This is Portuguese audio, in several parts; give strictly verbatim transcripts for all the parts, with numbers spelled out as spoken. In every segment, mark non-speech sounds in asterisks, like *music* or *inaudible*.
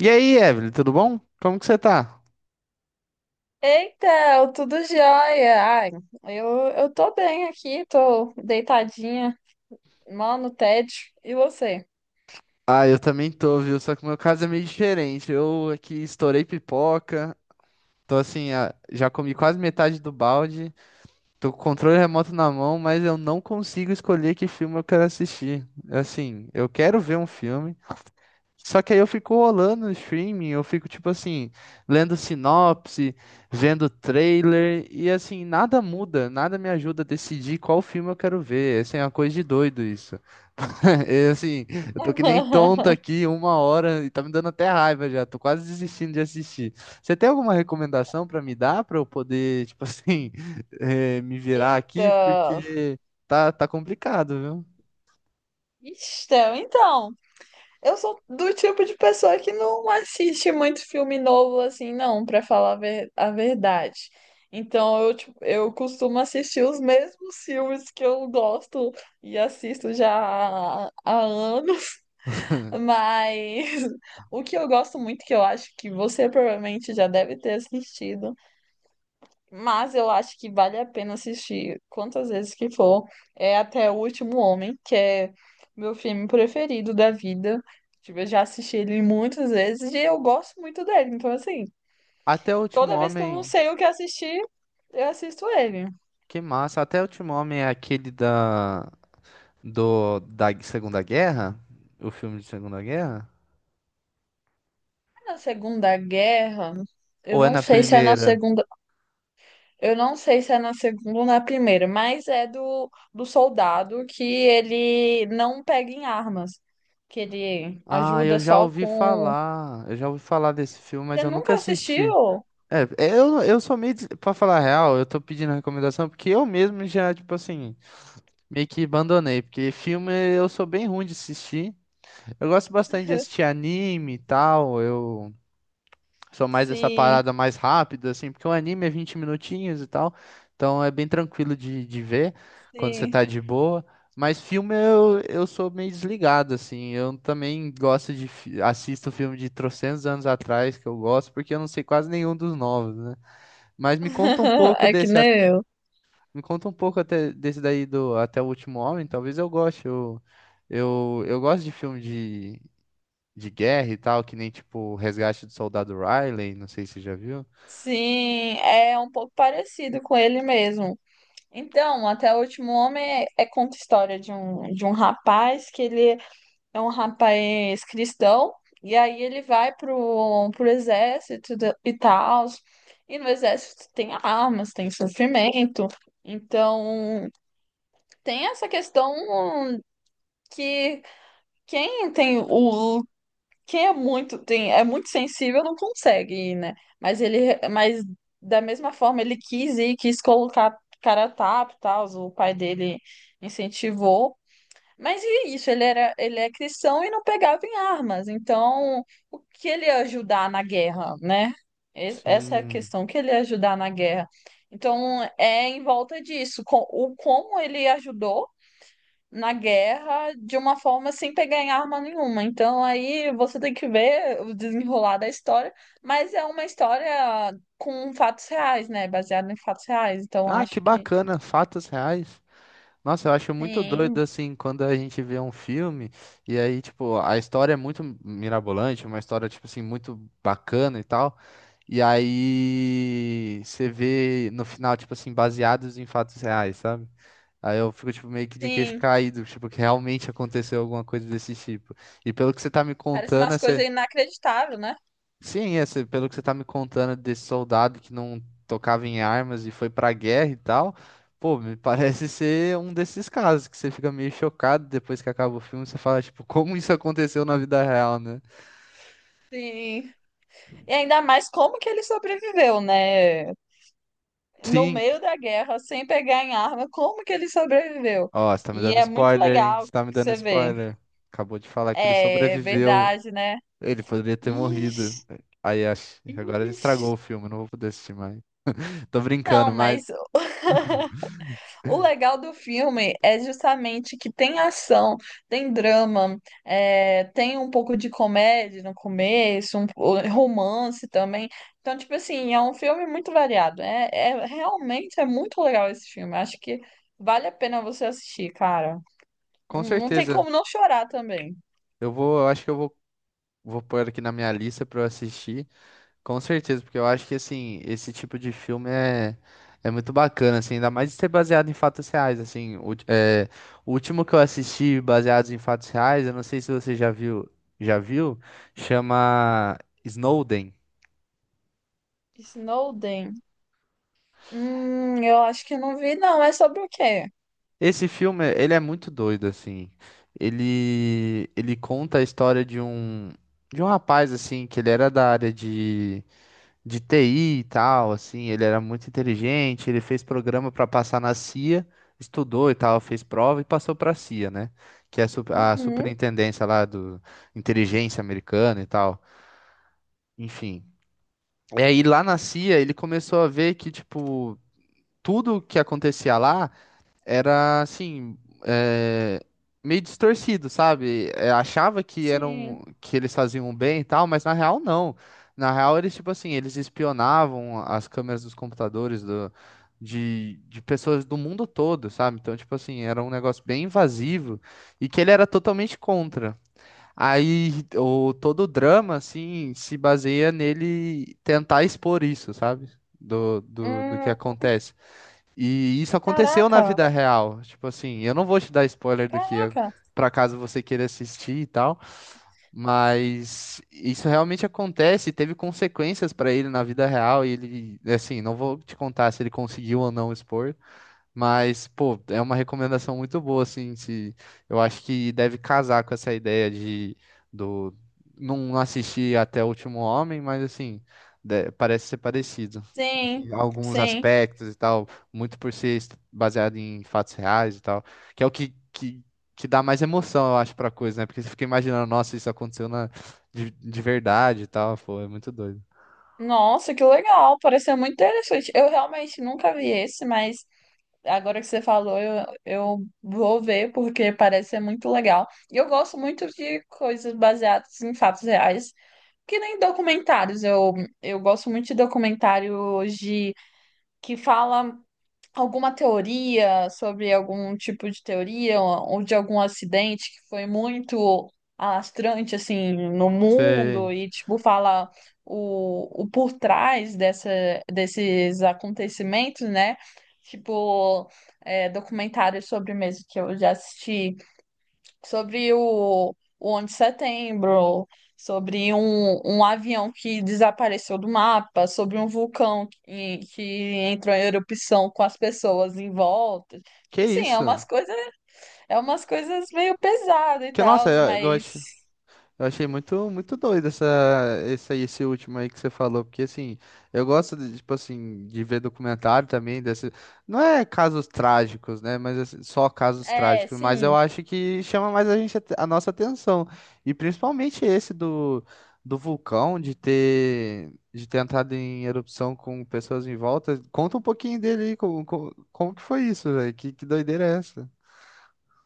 E aí, Evelyn, tudo bom? Como que você tá? Eita, tudo jóia. Ai, eu, eu tô bem aqui, tô deitadinha, mal no tédio. E você? Ah, eu também tô, viu? Só que o meu caso é meio diferente. Eu aqui estourei pipoca, tô assim, ah, já comi quase metade do balde, tô com o controle remoto na mão, mas eu não consigo escolher que filme eu quero assistir. Assim, eu quero ver um filme, só que aí eu fico rolando no streaming, eu fico tipo assim, lendo sinopse, vendo trailer, e assim, nada muda, nada me ajuda a decidir qual filme eu quero ver. Assim, é uma coisa de doido isso. *laughs* E, assim, eu tô que nem tonto *laughs* aqui uma hora e tá me dando até raiva já, tô quase desistindo de assistir. Você tem alguma recomendação pra me dar pra eu poder, tipo assim, *laughs* eh, me virar aqui? Eita. Porque tá, tá complicado, viu? Então, então, eu sou do tipo de pessoa que não assiste muito filme novo assim, não, pra falar a ver- a verdade. Então, eu, tipo, eu costumo assistir os mesmos filmes que eu gosto e assisto já há, há anos. *laughs* Mas *laughs* o que eu gosto muito, que eu acho que você provavelmente já deve ter assistido, mas eu acho que vale a pena assistir quantas vezes que for, é Até o Último Homem, que é meu filme preferido da vida. Tipo, eu já assisti ele muitas vezes e eu gosto muito dele. Então, assim, Até o Último toda vez que eu não Homem. sei o que assistir, eu assisto ele. Que massa. Até o último homem é aquele da do da Segunda Guerra? O filme de Segunda Guerra? Na Segunda Guerra, eu Ou é não na sei se é na primeira? Segunda eu não sei se é na segunda ou na primeira, mas é do, do soldado que ele não pega em armas, que ele Ah, eu ajuda já só ouvi com. falar. Eu já ouvi falar desse filme, mas Você eu nunca nunca assisti. assistiu? É, eu, eu sou meio. des- Pra falar a real, eu tô pedindo recomendação porque eu mesmo já, tipo assim, meio que abandonei. Porque filme eu sou bem ruim de assistir. Eu gosto bastante de assistir anime e tal. Eu. Sou mais essa Sim, parada mais rápida, assim, porque o anime é vinte minutinhos e tal, então é bem tranquilo de, de ver quando você sim. tá de boa. Mas filme eu, eu sou meio desligado, assim. Eu também gosto de. fi- Assisto filme de trocentos anos atrás que eu gosto, porque eu não sei quase nenhum dos novos, né? Mas me conta um *laughs* pouco É que desse. a- nem eu. Me conta um pouco até, desse daí do Até o Último Homem, talvez eu goste. Eu, eu, eu gosto de filme de, de guerra e tal, que nem tipo Resgate do Soldado Riley, não sei se você já viu. Sim, é um pouco parecido com ele mesmo. Então, até o último homem é, é conta a história de um, de um rapaz que ele é um rapaz cristão, e aí ele vai pro, pro exército da- e tal. E no exército tem armas, tem sofrimento. Então, tem essa questão que quem tem o quem é muito tem é muito sensível não consegue ir, né? Mas ele mas da mesma forma ele quis ir, quis colocar cara a tapa, e tal, o pai dele incentivou. Mas e isso, ele era, ele é cristão e não pegava em armas. Então, o que ele ia ajudar na guerra, né? Es- Essa é a Sim. questão, o que ele ia ajudar na guerra. Então, é em volta disso, co- o como ele ajudou na guerra de uma forma sem pegar em arma nenhuma. Então, aí você tem que ver o desenrolar da história, mas é uma história com fatos reais, né? Baseada em fatos reais. Então, Ah, que acho que bacana, fatos reais. Nossa, eu acho muito doido sim, assim quando a gente vê um filme e aí, tipo, a história é muito mirabolante, uma história, tipo assim, muito bacana e tal. E aí você vê no final, tipo assim, baseados em fatos reais, sabe? Aí eu fico, tipo, meio que de queixo sim, caído, tipo, que realmente aconteceu alguma coisa desse tipo. E pelo que você tá me parece contando, umas coisas inacreditáveis, né? sim, esse, pelo que você tá me contando desse soldado que não tocava em armas e foi pra guerra e tal, pô, me *laughs* parece ser um desses casos que você fica meio chocado depois que acaba o filme, você fala, tipo, como isso aconteceu na vida real, né? Sim. E ainda mais como que ele sobreviveu, né? No Sim, meio da guerra, sem pegar em arma, como que ele sobreviveu? ó, você tá me E dando é muito spoiler, hein? legal Você tá me que dando você vê. spoiler. Acabou de falar que ele É sobreviveu. verdade, né? Ele poderia ter morrido. Ixi, Aí acho, agora ele ixi. estragou o filme, não vou poder assistir mais. Tô Não, brincando, mas mas *laughs* o legal do filme é justamente que tem ação, tem drama, é, tem um pouco de comédia no começo, um po- romance também. Então, tipo assim, é um filme muito variado. É, é- realmente é muito legal esse filme. Acho que vale a pena você assistir, cara. Não com não tem certeza como não chorar também. eu vou, eu acho que eu vou, vou pôr aqui na minha lista pra eu assistir. Com certeza, porque eu acho que assim, esse tipo de filme é, é muito bacana, assim, ainda mais de ser baseado em fatos reais, assim, o, é, o último que eu assisti baseado em fatos reais, eu não sei se você já viu, já viu, chama Snowden. Snowden. Hum, eu acho que não vi, não. É sobre o quê? Esse filme, ele é muito doido, assim, ele, ele conta a história de um, de um rapaz, assim, que ele era da área de de T I e tal, assim, ele era muito inteligente, ele fez programa para passar na C I A, estudou e tal, fez prova e passou para a C I A, né? Que é a su- a Uhum, superintendência lá do inteligência americana e tal. Enfim. E aí lá na C I A ele começou a ver que, tipo, tudo que acontecia lá era assim, é, meio distorcido, sabe? É, achava que eram sim. que eles faziam bem e tal, mas na real não. Na real eles tipo assim, eles espionavam as câmeras dos computadores do, de, de pessoas do mundo todo, sabe? Então tipo assim, era um negócio bem invasivo e que ele era totalmente contra. Aí o todo o drama assim se baseia nele tentar expor isso, sabe? Do, do, do que Hum, acontece. E isso aconteceu na caraca, vida real. Tipo assim, eu não vou te dar spoiler do que é, caraca. pra caso você queira assistir e tal, mas isso realmente acontece, e teve consequências pra ele na vida real e ele, assim, não vou te contar se ele conseguiu ou não expor, mas pô, é uma recomendação muito boa assim, se eu acho que deve casar com essa ideia de do não assistir até o último homem, mas assim, de- parece ser parecido Sim, alguns sim. aspectos e tal, muito por ser est- baseado em fatos reais e tal, que é o que, que, que dá mais emoção, eu acho, pra coisa, né? Porque você fica imaginando, nossa, isso aconteceu na, de, de verdade e tal, pô, é muito doido. Nossa, que legal! Pareceu muito interessante. Eu realmente nunca vi esse, mas agora que você falou, eu, eu vou ver porque parece ser muito legal. E eu gosto muito de coisas baseadas em fatos reais, que nem documentários. Eu, eu gosto muito de documentários de que fala alguma teoria sobre algum tipo de teoria ou de algum acidente que foi muito alastrante assim no Sei. mundo e tipo fala o, o por trás dessa, desses acontecimentos, né? Tipo, é, documentários sobre mesmo que eu já assisti sobre o, o onze de setembro, sobre um, um avião que desapareceu do mapa, sobre um vulcão que, que entrou em erupção com as pessoas em volta. Que Tipo assim, é isso? umas coisas, é umas coisas meio pesadas e Que, tal, nossa, eu, eu mas acho. Eu achei muito, muito doido essa, esse, aí- esse último aí que você falou, porque assim, eu gosto de, tipo assim, de ver documentário também desse, não é casos trágicos, né, mas assim, só casos é, trágicos, mas eu sim. acho que chama mais a gente, a nossa atenção, e principalmente esse do, do vulcão, de ter, de ter entrado em erupção com pessoas em volta, conta um pouquinho dele aí, como, como, como que foi isso, velho, que, que doideira é essa?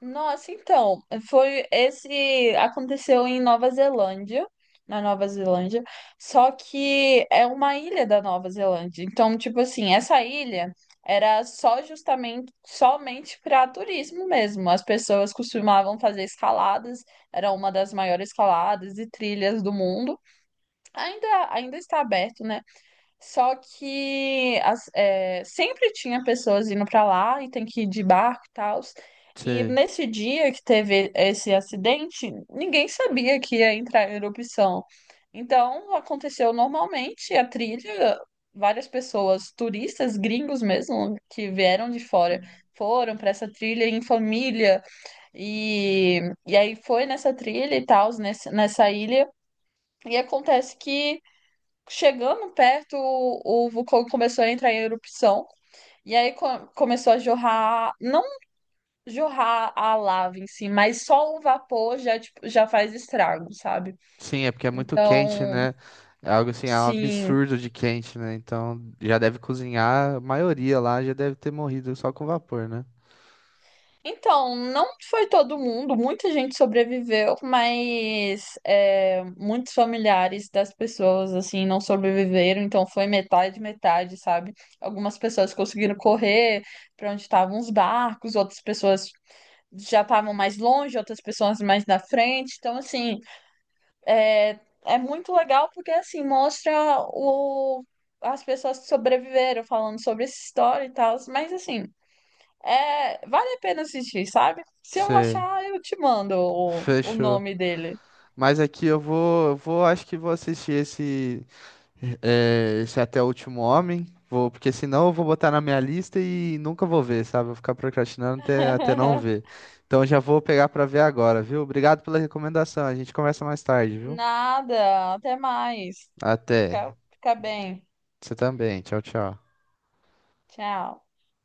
Nossa, então, foi esse aconteceu em Nova Zelândia, na Nova Zelândia, só que é uma ilha da Nova Zelândia. Então, tipo assim, essa ilha era só justamente somente para turismo mesmo. As pessoas costumavam fazer escaladas, era uma das maiores escaladas e trilhas do mundo. Ainda ainda está aberto, né? Só que as- é, sempre tinha pessoas indo pra lá e tem que ir de barco e tal. E Sei. nesse dia que teve esse acidente, ninguém sabia que ia entrar em erupção. Então aconteceu normalmente a trilha, várias pessoas, turistas, gringos mesmo, que vieram de fora, foram para essa trilha em família. E, e aí foi nessa trilha e tal, nessa ilha. E acontece que Chegando perto, o, o vulcão começou a entrar em erupção. E aí co- começou a jorrar, não jorrar a lava em si, mas só o vapor já, tipo, já faz estrago, sabe? Sim, é porque é muito quente, Então, né? É algo assim, é um sim. absurdo de quente, né? Então já deve cozinhar, a maioria lá já deve ter morrido só com vapor, né? Então, não foi todo mundo, muita gente sobreviveu, mas é, muitos familiares das pessoas, assim, não sobreviveram. Então, foi metade, metade, sabe? Algumas pessoas conseguiram correr para onde estavam os barcos, outras pessoas já estavam mais longe, outras pessoas mais na frente. Então, assim, é, é muito legal porque, assim, mostra o, as pessoas que sobreviveram falando sobre essa história e tal. Mas, assim, é, vale a pena assistir, sabe? Se eu Sei, achar, eu te mando o, o fechou. nome dele. Mas aqui eu vou, eu vou, acho que vou assistir esse, eh, esse Até o Último Homem, vou, porque senão eu vou botar na minha lista e nunca vou ver, sabe? Vou ficar procrastinando até, até não ver. *laughs* Então já vou pegar pra ver agora, viu? Obrigado pela recomendação, a gente conversa mais tarde, viu? Nada, até mais. Até. Fica, fica bem. Você também, tchau, tchau. Tchau.